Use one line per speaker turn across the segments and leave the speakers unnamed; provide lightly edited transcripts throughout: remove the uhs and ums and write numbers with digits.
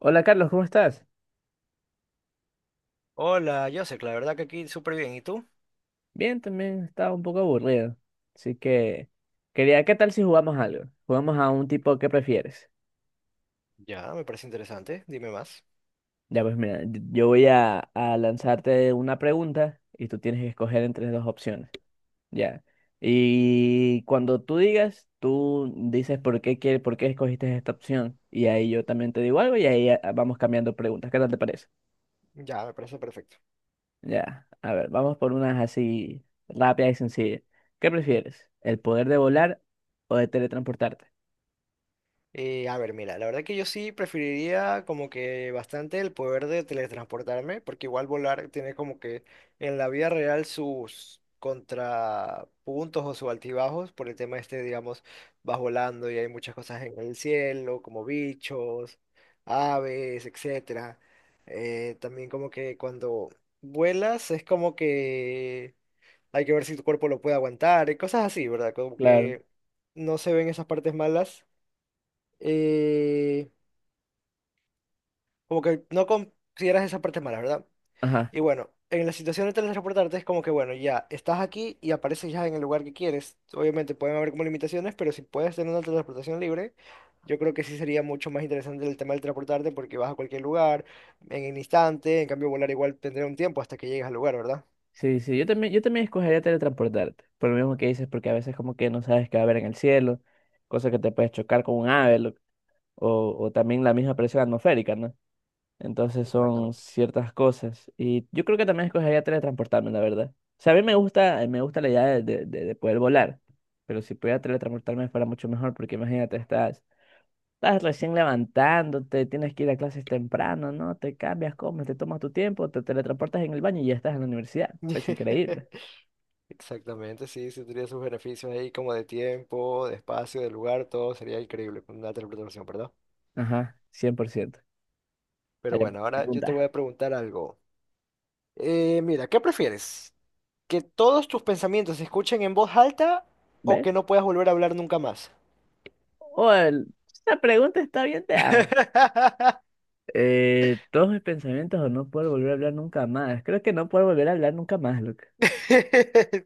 Hola Carlos, ¿cómo estás?
Hola, Joseph, la verdad que aquí súper bien. ¿Y tú?
Bien, también estaba un poco aburrido. Así que quería, ¿qué tal si jugamos algo? Jugamos a un tipo que prefieres.
Ya, me parece interesante. Dime más.
Ya pues mira, yo voy a lanzarte una pregunta y tú tienes que escoger entre dos opciones. Ya. Y cuando tú digas, tú dices por qué quieres, por qué escogiste esta opción. Y ahí yo también te digo algo y ahí vamos cambiando preguntas. ¿Qué tal te parece?
Ya, me parece perfecto.
Ya, a ver, vamos por unas así rápidas y sencillas. ¿Qué prefieres? ¿El poder de volar o de teletransportarte?
A ver, mira, la verdad que yo sí preferiría como que bastante el poder de teletransportarme, porque igual volar tiene como que en la vida real sus contrapuntos o sus altibajos por el tema este, digamos, vas volando y hay muchas cosas en el cielo, como bichos, aves, etcétera. También como que cuando vuelas es como que hay que ver si tu cuerpo lo puede aguantar, y cosas así, ¿verdad? Como
Claro.
que no se ven esas partes malas, eh, como que no consideras esas partes malas, ¿verdad?
Ajá.
Y bueno, en la situación de teletransportarte es como que, bueno, ya estás aquí y apareces ya en el lugar que quieres. Obviamente pueden haber como limitaciones, pero si puedes tener una teletransportación libre, yo creo que sí sería mucho más interesante el tema del transportarte porque vas a cualquier lugar en un instante, en cambio volar igual tendría un tiempo hasta que llegues al lugar, ¿verdad?
Sí, sí, yo también escogería teletransportarte, por lo mismo que dices, porque a veces como que no sabes qué va a haber en el cielo, cosas que te puedes chocar con un ave, o también la misma presión atmosférica, ¿no? Entonces son
Exactamente.
ciertas cosas. Y yo creo que también escogería teletransportarme, la verdad. O sea, a mí me gusta la idea de, de poder volar, pero si pudiera teletransportarme fuera mucho mejor, porque imagínate, estás recién levantándote, tienes que ir a clases temprano, ¿no? Te cambias, comes, te tomas tu tiempo, te teletransportas en el baño y ya estás en la universidad. Es increíble.
Exactamente, sí, sí tendría sus beneficios ahí como de tiempo, de espacio, de lugar, todo sería increíble con una teleportación, ¿verdad?
Ajá, cien por ciento. Allá
Pero bueno,
pregunta.
ahora yo te voy a preguntar algo. Mira, ¿qué prefieres? ¿Que todos tus pensamientos se escuchen en voz alta o que
¿Ves?
no puedas volver a hablar nunca más?
Esta pregunta está bien de antes. Todos mis pensamientos o no puedo volver a hablar nunca más. Creo que no puedo volver a hablar nunca más,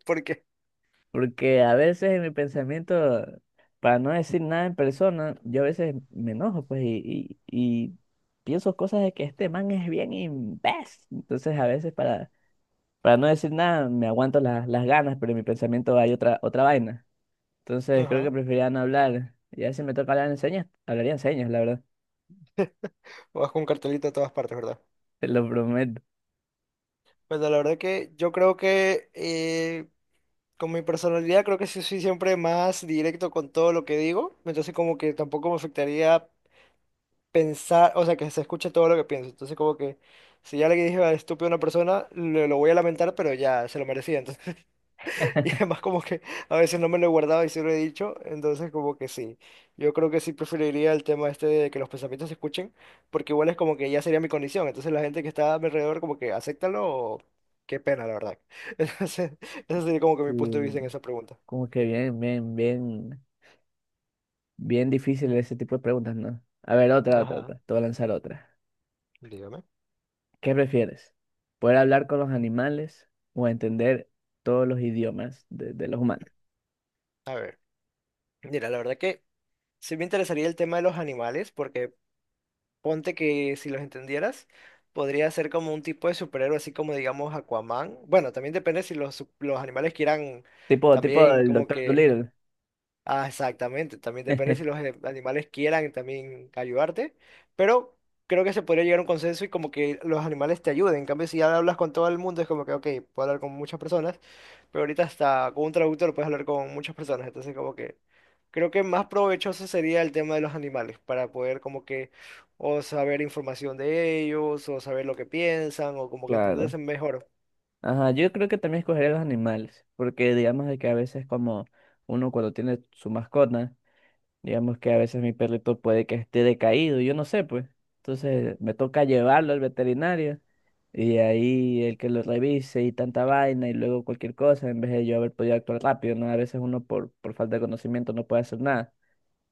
¿Por qué?
porque a veces en mi pensamiento, para no decir nada en persona, yo a veces me enojo, pues, y pienso cosas de que este man es bien imbécil. Entonces, para no decir nada, me aguanto las ganas, pero en mi pensamiento hay otra, otra vaina. Entonces, creo que
Ajá.
preferiría no hablar. Ya si me toca hablar en señas, hablaría en señas, la verdad.
Vas con un cartelito a todas partes, ¿verdad?
Te lo prometo.
Bueno, la verdad que yo creo que con mi personalidad creo que sí soy siempre más directo con todo lo que digo, entonces como que tampoco me afectaría pensar, o sea, que se escuche todo lo que pienso. Entonces, como que si ya le dije al estúpido a una persona, lo voy a lamentar, pero ya se lo merecía. Entonces, y además, como que a veces no me lo he guardado y sí lo he dicho. Entonces, como que sí. Yo creo que sí preferiría el tema este de que los pensamientos se escuchen, porque igual es como que ya sería mi condición. Entonces, la gente que está a mi alrededor, como que acéptalo o qué pena, la verdad. Entonces, ese sería como que mi punto de vista en
Mm,
esa pregunta.
como que bien difícil ese tipo de preguntas, ¿no? A ver, otra.
Ajá,
Te voy a lanzar otra.
dígame.
¿Qué prefieres? ¿Poder hablar con los animales o entender todos los idiomas de los humanos?
A ver, mira, la verdad que. Sí me interesaría el tema de los animales, porque ponte que si los entendieras, podría ser como un tipo de superhéroe, así como digamos Aquaman. Bueno, también depende si los animales quieran
Tipo, tipo
también
el
como
Doctor
que
Dolittle.
Ah, exactamente, también depende si animales quieran también ayudarte, pero creo que se podría llegar a un consenso y como que los animales te ayuden. En cambio, si ya hablas con todo el mundo, es como que, ok, puedo hablar con muchas personas, pero ahorita hasta con un traductor puedes hablar con muchas personas, entonces como que creo que más provechoso sería el tema de los animales para poder como que o saber información de ellos, o saber lo que piensan, o como que
Claro.
entenderse mejor.
Ajá, yo creo que también escogería los animales, porque digamos de que a veces como uno cuando tiene su mascota, digamos que a veces mi perrito puede que esté decaído, yo no sé, pues. Entonces me toca llevarlo al veterinario y ahí el que lo revise y tanta vaina y luego cualquier cosa, en vez de yo haber podido actuar rápido, ¿no? A veces uno por falta de conocimiento no puede hacer nada.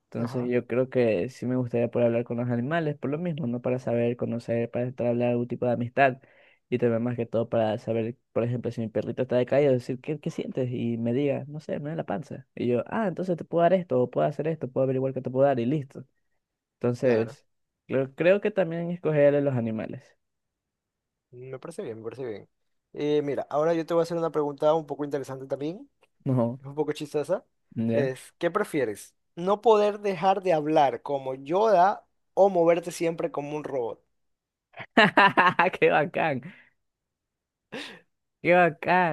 Entonces
Ajá.
yo creo que sí me gustaría poder hablar con los animales, por lo mismo, ¿no? Para saber, conocer, para entablar algún tipo de amistad. Y también más que todo para saber, por ejemplo, si mi perrito está decaído, decir, ¿qué, qué sientes? Y me diga, no sé, me duele la panza. Y yo, ah, entonces te puedo dar esto, o puedo hacer esto, puedo averiguar qué te puedo dar y listo. Entonces, creo que también escogeré los animales.
Me parece bien, me parece bien. Mira, ahora yo te voy a hacer una pregunta un poco interesante también,
No,
es un poco chistosa.
¿ya?
Es, ¿qué prefieres? ¿No poder dejar de hablar como Yoda o moverte siempre como un robot?
¡Qué bacán! ¡Qué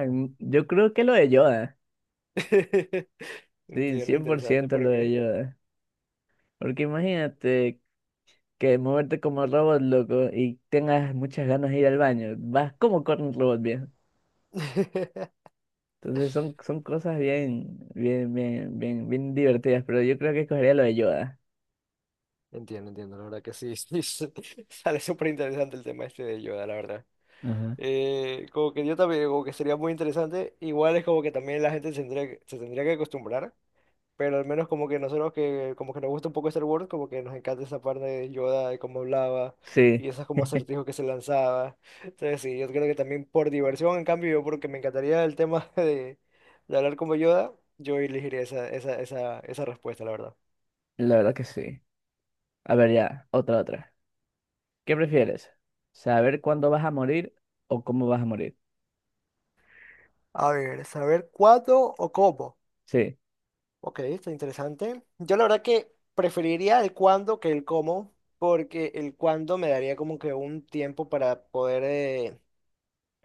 Oh.
Yo creo que lo de Yoda. Sí,
Entiendo,
cien por
interesante,
ciento
¿por
lo de
qué?
Yoda. Porque imagínate que moverte como robot, loco, y tengas muchas ganas de ir al baño. Vas como con un robot, viejo. Entonces son cosas bien divertidas, pero yo creo que escogería lo de Yoda.
Entiendo, entiendo, la verdad que sí, sí, sí, sale súper interesante el tema este de Yoda, la verdad.
Ajá.
Como que yo también, como que sería muy interesante, igual es como que también la gente se tendría que acostumbrar. Pero al menos como que nosotros que como que nos gusta un poco Star Wars, como que nos encanta esa parte de Yoda, de cómo hablaba
Sí,
y esos como acertijos que se lanzaba. Entonces sí, yo creo que también por diversión, en cambio, yo porque me encantaría el tema de hablar como Yoda, yo elegiría esa respuesta, la verdad.
la verdad que sí. A ver ya, otra. ¿Qué prefieres? ¿Saber cuándo vas a morir o cómo vas a morir?
A ver, saber cuándo o cómo.
Sí,
Ok, está interesante. Yo la verdad que preferiría el cuándo que el cómo, porque el cuándo me daría como que un tiempo para poder...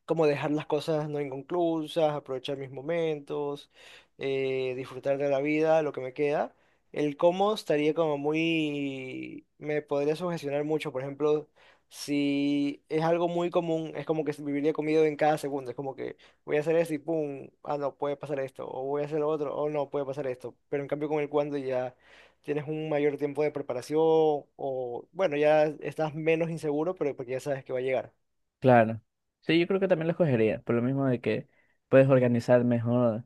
como dejar las cosas no inconclusas, aprovechar mis momentos, disfrutar de la vida, lo que me queda. El cómo estaría como muy, me podría sugestionar mucho, por ejemplo, si es algo muy común, es como que viviría comido en cada segundo, es como que voy a hacer esto y pum, ah no, puede pasar esto, o voy a hacer lo otro, o no, puede pasar esto, pero en cambio con el cuando ya tienes un mayor tiempo de preparación, o bueno, ya estás menos inseguro, pero porque ya sabes que va a llegar.
claro. Sí, yo creo que también lo escogería, por lo mismo de que puedes organizar mejor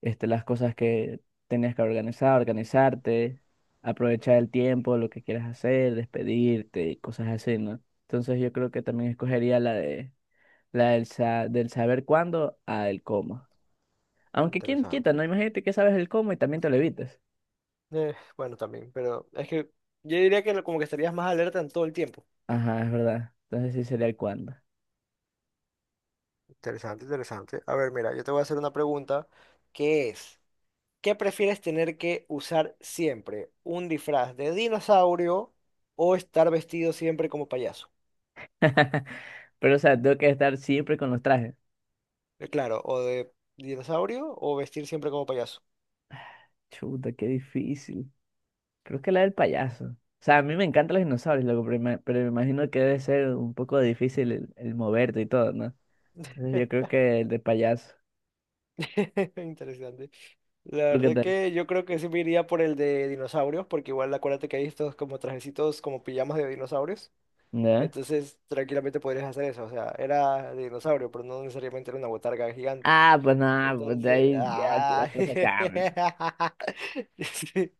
este, las cosas que tenías que organizar, organizarte, aprovechar el tiempo, lo que quieras hacer, despedirte y cosas así, ¿no? Entonces yo creo que también escogería la del saber cuándo a el cómo. Aunque quién quita,
Interesante.
¿no? Imagínate que sabes el cómo y también te lo evitas.
Bueno, también, pero es que yo diría que lo- como que estarías más alerta en todo el tiempo.
Ajá, es verdad. Entonces sí sería el cuándo.
Interesante, interesante. A ver, mira, yo te voy a hacer una pregunta que es, ¿qué prefieres tener que usar siempre? ¿Un disfraz de dinosaurio o estar vestido siempre como payaso?
Pero o sea, tengo que estar siempre con los trajes.
Claro, o de dinosaurio o vestir siempre como payaso.
Chuta, qué difícil. Creo que la del payaso. O sea, a mí me encantan los dinosaurios, loco, pero me imagino que debe ser un poco difícil el moverte y todo, ¿no? Entonces yo creo que el de payaso.
Interesante. La
¿Tú qué
verdad
tal?
que yo creo que sí me iría por el de dinosaurios, porque igual acuérdate que hay estos como trajecitos como pijamas de dinosaurios.
¿No?
Entonces, tranquilamente podrías hacer eso. O sea, era de dinosaurio, pero no necesariamente era una botarga gigante.
Ah, pues nada, pues de
Entonces,
ahí ya que la
ah,
cosa cambia.
sí.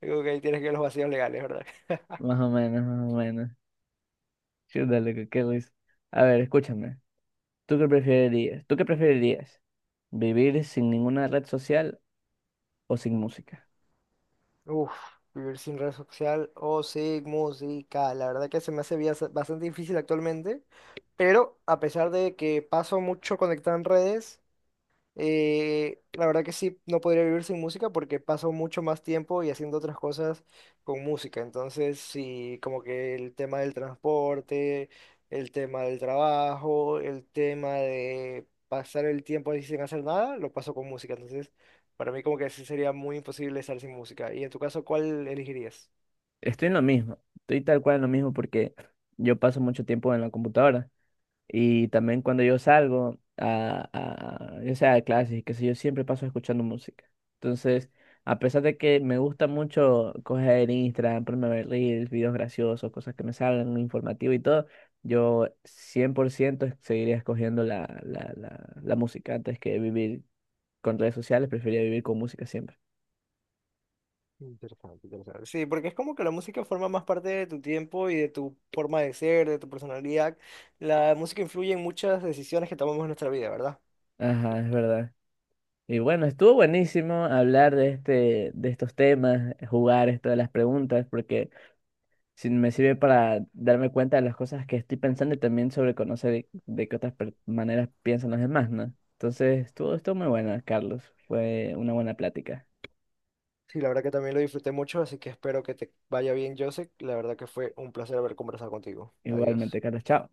Digo que ahí tienes que ver los vacíos legales, ¿verdad?
Más o menos, más o menos. Chuta, loco, qué risa. A ver, escúchame. ¿Tú qué preferirías? ¿Tú qué preferirías? ¿Vivir sin ninguna red social o sin música?
Uf, vivir sin red social o sin música. La verdad que se me hace bastante difícil actualmente, pero a pesar de que paso mucho conectado en redes. La verdad que sí, no podría vivir sin música porque paso mucho más tiempo y haciendo otras cosas con música. Entonces, sí, como que el tema del transporte, el tema del trabajo, el tema de pasar el tiempo así sin hacer nada, lo paso con música. Entonces, para mí como que sí sería muy imposible estar sin música. Y en tu caso, ¿cuál elegirías?
Estoy en lo mismo. Estoy tal cual en lo mismo porque yo paso mucho tiempo en la computadora. Y también cuando yo salgo a, ya sea de clases y qué sé yo, siempre paso escuchando música. Entonces, a pesar de que me gusta mucho coger Instagram, ponerme a ver reels, videos graciosos, cosas que me salgan, informativo y todo, yo 100% seguiría escogiendo la música antes que vivir con redes sociales, preferiría vivir con música siempre.
Interesante, interesante. Sí, porque es como que la música forma más parte de tu tiempo y de tu forma de ser, de tu personalidad. La música influye en muchas decisiones que tomamos en nuestra vida, ¿verdad?
Ajá, es verdad. Y bueno, estuvo buenísimo hablar de este, de estos temas, jugar esto de las preguntas, porque si me sirve para darme cuenta de las cosas que estoy pensando y también sobre conocer de qué maneras piensan los demás, ¿no? Entonces, todo esto muy bueno, Carlos. Fue una buena plática.
Sí, la verdad que también lo disfruté mucho, así que espero que te vaya bien, Joseph. La verdad que fue un placer haber conversado contigo.
Igualmente,
Adiós.
Carlos, chao.